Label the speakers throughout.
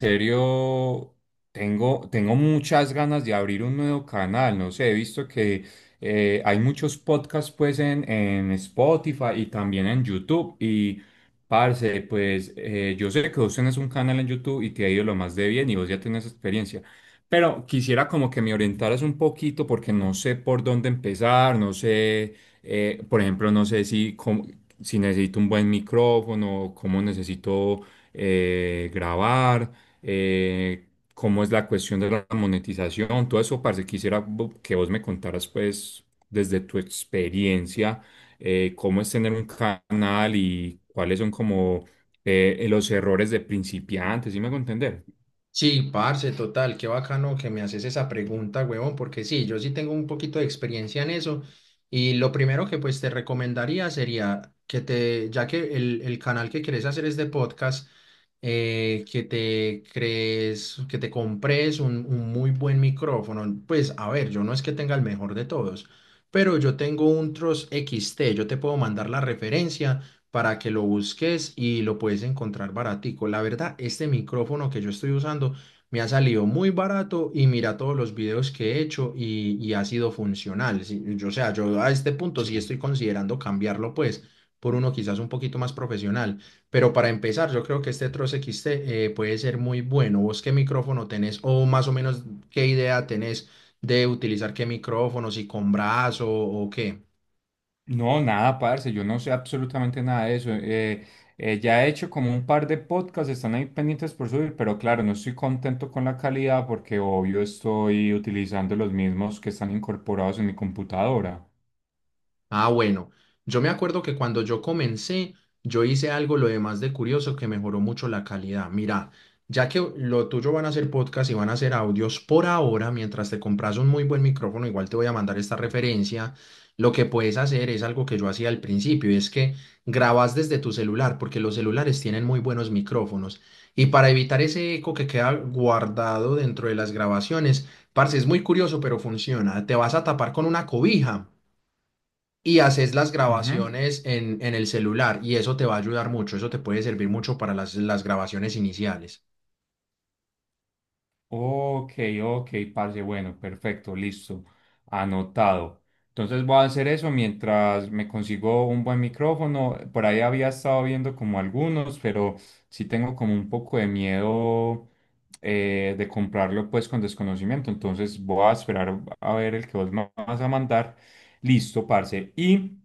Speaker 1: Serio, tengo muchas ganas de abrir un nuevo canal. No sé, he visto que hay muchos podcasts pues en Spotify y también en YouTube. Y parce, pues yo sé que vos tenés un canal en YouTube y te ha ido lo más de bien y vos ya tenés experiencia. Pero quisiera como que me orientaras un poquito porque no sé por dónde empezar, no sé, por ejemplo, no sé si, si necesito un buen micrófono, cómo necesito grabar, eh, cómo es la cuestión de la monetización, todo eso, parce, quisiera que vos me contaras, pues, desde tu experiencia, cómo es tener un canal y cuáles son como los errores de principiantes, ¿sí me hago entender?
Speaker 2: Sí, parce, total, qué bacano que me haces esa pregunta, huevón, porque sí, yo sí tengo un poquito de experiencia en eso y lo primero que pues te recomendaría sería que te, ya que el canal que quieres hacer es de podcast, que te crees, que te compres un muy buen micrófono. Pues a ver, yo no es que tenga el mejor de todos, pero yo tengo un Trust XT, yo te puedo mandar la referencia para que lo busques y lo puedes encontrar baratico. La verdad, este micrófono que yo estoy usando me ha salido muy barato y mira todos los videos que he hecho y ha sido funcional. Sí, yo, o sea, yo a este punto
Speaker 1: Sí.
Speaker 2: sí estoy considerando cambiarlo pues por uno quizás un poquito más profesional. Pero para empezar, yo creo que este Tross XT puede ser muy bueno. ¿Vos qué micrófono tenés o más o menos qué idea tenés de utilizar qué micrófono, si con brazo o qué?
Speaker 1: No, nada, parce, yo no sé absolutamente nada de eso. Ya he hecho como un par de podcasts, están ahí pendientes por subir, pero claro, no estoy contento con la calidad porque obvio estoy utilizando los mismos que están incorporados en mi computadora.
Speaker 2: Ah, bueno, yo me acuerdo que cuando yo comencé, yo hice algo lo demás de curioso que mejoró mucho la calidad. Mira, ya que lo tuyo van a ser podcast y van a ser audios por ahora, mientras te compras un muy buen micrófono, igual te voy a mandar esta referencia. Lo que puedes hacer es algo que yo hacía al principio, y es que grabas desde tu celular, porque los celulares tienen muy buenos micrófonos. Y para evitar ese eco que queda guardado dentro de las grabaciones, parce, es muy curioso, pero funciona. Te vas a tapar con una cobija y haces las
Speaker 1: Ujú.
Speaker 2: grabaciones en el celular y eso te va a ayudar mucho, eso te puede servir mucho para las grabaciones iniciales.
Speaker 1: Ok, ok, parce, bueno, perfecto, listo, anotado. Entonces voy a hacer eso mientras me consigo un buen micrófono. Por ahí había estado viendo como algunos, pero sí tengo como un poco de miedo de comprarlo pues con desconocimiento. Entonces voy a esperar a ver el que vos me vas a mandar. Listo, parce.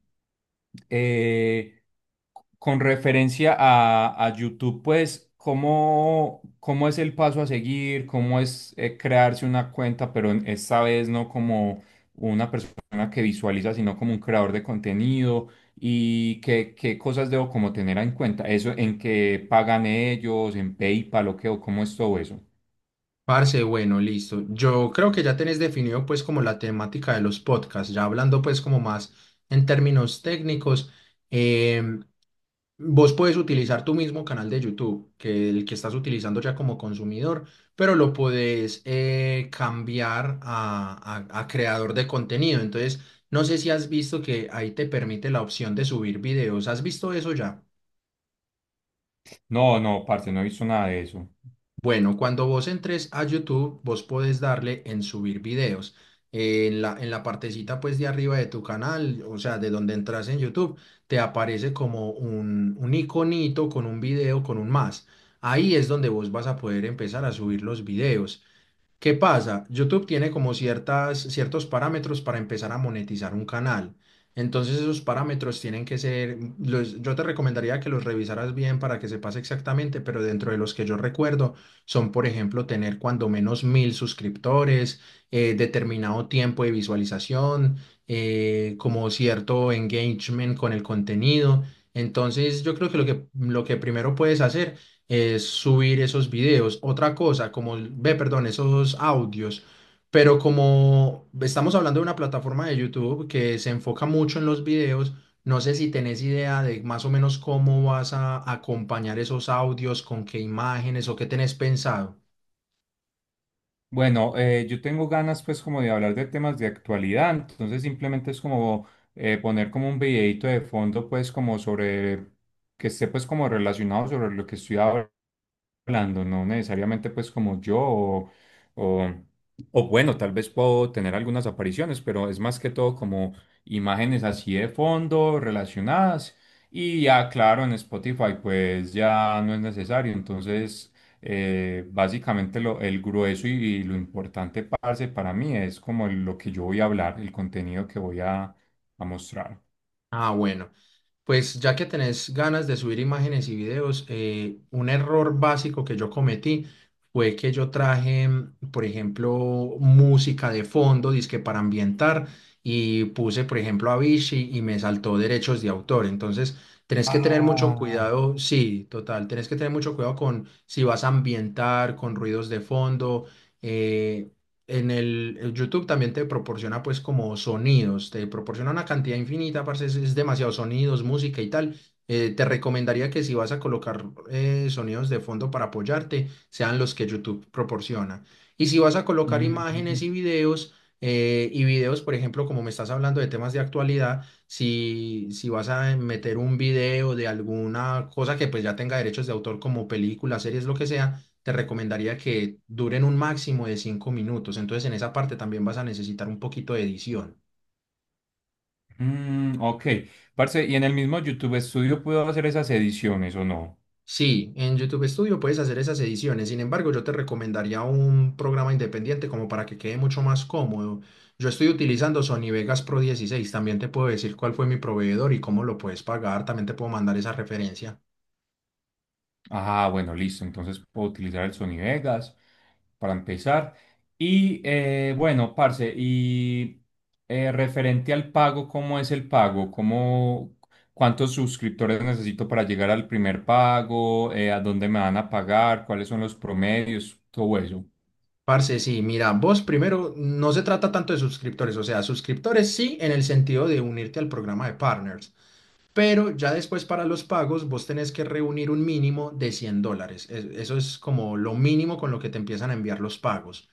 Speaker 1: Eh, con referencia a YouTube, pues, ¿cómo, cómo es el paso a seguir? ¿Cómo es, crearse una cuenta, pero esta vez no como una persona que visualiza, sino como un creador de contenido? ¿Y qué, qué cosas debo como tener en cuenta? ¿Eso en qué pagan ellos, en PayPal o qué, o cómo es todo eso?
Speaker 2: Parce, bueno, listo. Yo creo que ya tenés definido pues como la temática de los podcasts, ya hablando pues como más en términos técnicos. em, Vos puedes utilizar tu mismo canal de YouTube, que el que estás utilizando ya como consumidor, pero lo puedes cambiar a creador de contenido. Entonces, no sé si has visto que ahí te permite la opción de subir videos. ¿Has visto eso ya?
Speaker 1: No, no, parce, no he visto nada de eso.
Speaker 2: Bueno, cuando vos entres a YouTube, vos podés darle en subir videos. En la partecita pues de arriba de tu canal, o sea, de donde entras en YouTube, te aparece como un iconito con un video, con un más. Ahí es donde vos vas a poder empezar a subir los videos. ¿Qué pasa? YouTube tiene como ciertas, ciertos parámetros para empezar a monetizar un canal. Entonces esos parámetros tienen que ser, yo te recomendaría que los revisaras bien para que sepas exactamente, pero dentro de los que yo recuerdo son, por ejemplo, tener cuando menos mil suscriptores, determinado tiempo de visualización, como cierto engagement con el contenido. Entonces yo creo que lo que primero puedes hacer es subir esos videos. Otra cosa, como, ve, perdón, esos audios. Pero como estamos hablando de una plataforma de YouTube que se enfoca mucho en los videos, no sé si tenés idea de más o menos cómo vas a acompañar esos audios, con qué imágenes o qué tenés pensado.
Speaker 1: Bueno, yo tengo ganas pues como de hablar de temas de actualidad, entonces simplemente es como poner como un videito de fondo pues como sobre que esté pues como relacionado sobre lo que estoy hablando, no necesariamente pues como yo o, o bueno, tal vez puedo tener algunas apariciones, pero es más que todo como imágenes así de fondo relacionadas y ya claro en Spotify pues ya no es necesario, entonces... básicamente lo, el grueso y lo importante, parce, para mí es como lo que yo voy a hablar, el contenido que voy a mostrar.
Speaker 2: Ah, bueno. Pues ya que tenés ganas de subir imágenes y videos, un error básico que yo cometí fue que yo traje, por ejemplo, música de fondo, disque para ambientar, y puse, por ejemplo, Avicii y me saltó derechos de autor. Entonces, tenés que tener mucho
Speaker 1: Ah.
Speaker 2: cuidado, sí, total, tenés que tener mucho cuidado con si vas a ambientar, con ruidos de fondo. eh, en el YouTube también te proporciona pues como sonidos, te proporciona una cantidad infinita, parce, es demasiado sonidos, música y tal. Te recomendaría que si vas a colocar sonidos de fondo para apoyarte, sean los que YouTube proporciona. Y si vas a colocar imágenes
Speaker 1: Mm,
Speaker 2: y videos, por ejemplo, como me estás hablando de temas de actualidad, si vas a meter un video de alguna cosa que pues ya tenga derechos de autor como películas, series, lo que sea te recomendaría que duren un máximo de 5 minutos. Entonces, en esa parte también vas a necesitar un poquito de edición.
Speaker 1: mm, ok, parce, ¿y en el mismo YouTube Studio puedo hacer esas ediciones o no?
Speaker 2: Sí, en YouTube Studio puedes hacer esas ediciones. Sin embargo, yo te recomendaría un programa independiente como para que quede mucho más cómodo. Yo estoy utilizando Sony Vegas Pro 16. También te puedo decir cuál fue mi proveedor y cómo lo puedes pagar. También te puedo mandar esa referencia.
Speaker 1: Ah, bueno, listo. Entonces puedo utilizar el Sony Vegas para empezar. Y bueno, parce, y referente al pago, ¿cómo es el pago? ¿Cómo, cuántos suscriptores necesito para llegar al primer pago? ¿A dónde me van a pagar? ¿Cuáles son los promedios? Todo eso.
Speaker 2: Parce, sí, mira, vos primero no se trata tanto de suscriptores, o sea, suscriptores sí en el sentido de unirte al programa de partners, pero ya después para los pagos vos tenés que reunir un mínimo de $100. Eso es como lo mínimo con lo que te empiezan a enviar los pagos.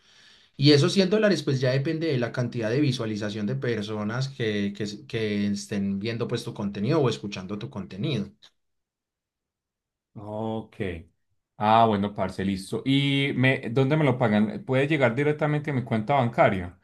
Speaker 2: Y esos $100 pues ya depende de la cantidad de visualización de personas que estén viendo pues tu contenido o escuchando tu contenido.
Speaker 1: Ok. Ah, bueno, parce, listo. ¿Y me, dónde me lo pagan? ¿Puede llegar directamente a mi cuenta bancaria?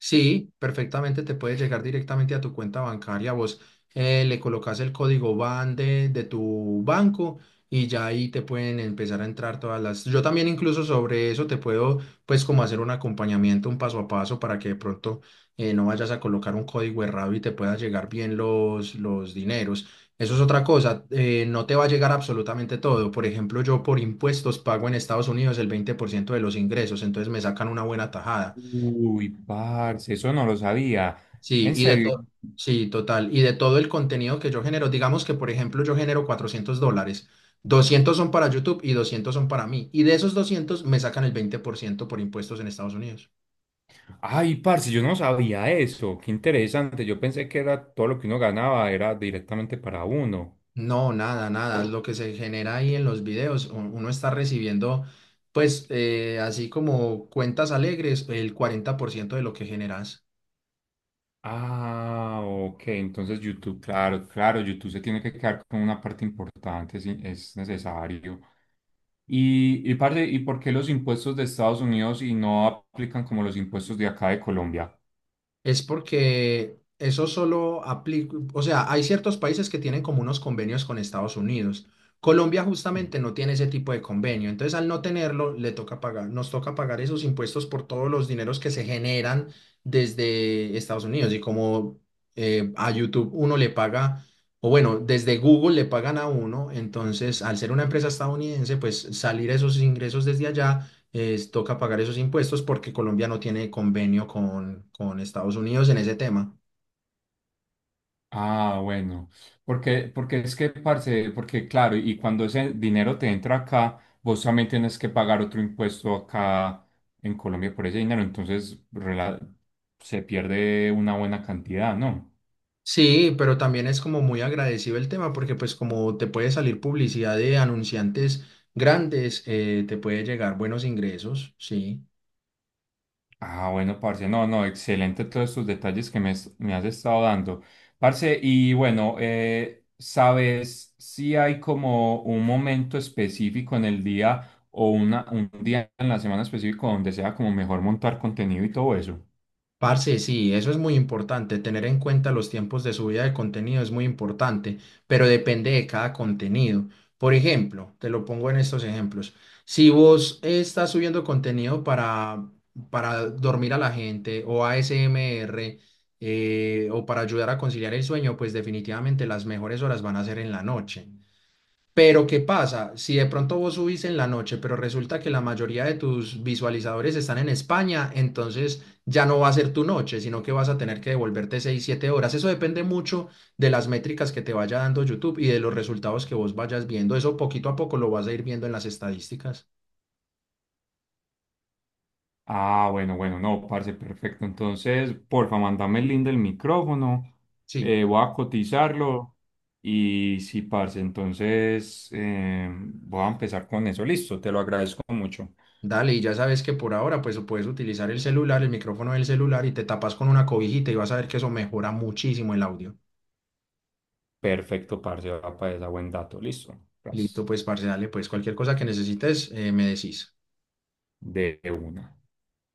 Speaker 2: Sí, perfectamente te puede llegar directamente a tu cuenta bancaria. Vos le colocas el código BAN de tu banco y ya ahí te pueden empezar a entrar todas las. Yo también incluso sobre eso te puedo pues como hacer un acompañamiento, un paso a paso para que de pronto no vayas a colocar un código errado y te pueda llegar bien los dineros. Eso es otra cosa, no te va a llegar absolutamente todo. Por ejemplo, yo por impuestos pago en Estados Unidos el 20% de los ingresos, entonces me sacan una buena tajada.
Speaker 1: Uy, parce, eso no lo sabía.
Speaker 2: Sí,
Speaker 1: En
Speaker 2: y de
Speaker 1: serio.
Speaker 2: todo, sí, total. Y de todo el contenido que yo genero, digamos que, por ejemplo, yo genero $400, 200 son para YouTube y 200 son para mí. Y de esos 200 me sacan el 20% por impuestos en Estados Unidos.
Speaker 1: Ay, parce, yo no sabía eso. Qué interesante. Yo pensé que era todo lo que uno ganaba era directamente para uno.
Speaker 2: No, nada, nada. Lo que se genera ahí en los videos, uno está recibiendo, pues, así como cuentas alegres, el 40% de lo que generas.
Speaker 1: Ah, ok. Entonces YouTube, claro, claro, YouTube se tiene que quedar con una parte importante, sí, es necesario. Y parce, ¿y por qué los impuestos de Estados Unidos y no aplican como los impuestos de acá de Colombia?
Speaker 2: Es porque eso solo aplica, o sea, hay ciertos países que tienen como unos convenios con Estados Unidos. Colombia justamente no tiene ese tipo de convenio, entonces al no tenerlo le toca pagar, nos toca pagar esos impuestos por todos los dineros que se generan desde Estados Unidos y como a YouTube uno le paga, o bueno, desde Google le pagan a uno, entonces al ser una empresa estadounidense, pues salir esos ingresos desde allá toca pagar esos impuestos porque Colombia no tiene convenio con Estados Unidos en ese tema.
Speaker 1: Ah, bueno, porque es que, parce, porque claro, y cuando ese dinero te entra acá, vos también tienes que pagar otro impuesto acá en Colombia por ese dinero, entonces se pierde una buena cantidad, ¿no?
Speaker 2: Sí, pero también es como muy agradecido el tema porque pues como te puede salir publicidad de anunciantes grandes, te puede llegar buenos ingresos, sí.
Speaker 1: Ah, bueno, parce, no, no, excelente todos estos detalles que me has estado dando. Parce, y bueno, ¿sabes si hay como un momento específico en el día o una, un día en la semana específico donde sea como mejor montar contenido y todo eso?
Speaker 2: Parce, sí, eso es muy importante. Tener en cuenta los tiempos de subida de contenido es muy importante, pero depende de cada contenido. Por ejemplo, te lo pongo en estos ejemplos. Si vos estás subiendo contenido para dormir a la gente o ASMR o para ayudar a conciliar el sueño, pues definitivamente las mejores horas van a ser en la noche. Pero ¿qué pasa? Si de pronto vos subís en la noche, pero resulta que la mayoría de tus visualizadores están en España, entonces ya no va a ser tu noche, sino que vas a tener que devolverte 6 7 horas. Eso depende mucho de las métricas que te vaya dando YouTube y de los resultados que vos vayas viendo. Eso poquito a poco lo vas a ir viendo en las estadísticas.
Speaker 1: Ah, bueno, bueno, no, parce, perfecto. Entonces, porfa, mándame el link del micrófono,
Speaker 2: Sí,
Speaker 1: voy a cotizarlo y sí, parce, entonces voy a empezar con eso. Listo, te lo agradezco mucho.
Speaker 2: dale, y ya sabes que por ahora pues puedes utilizar el celular, el micrófono del celular y te tapas con una cobijita y vas a ver que eso mejora muchísimo el audio.
Speaker 1: Perfecto, parce, va para esa buen dato. Listo.
Speaker 2: Listo,
Speaker 1: Gracias.
Speaker 2: pues parce, dale, pues cualquier cosa que necesites, me decís.
Speaker 1: De una.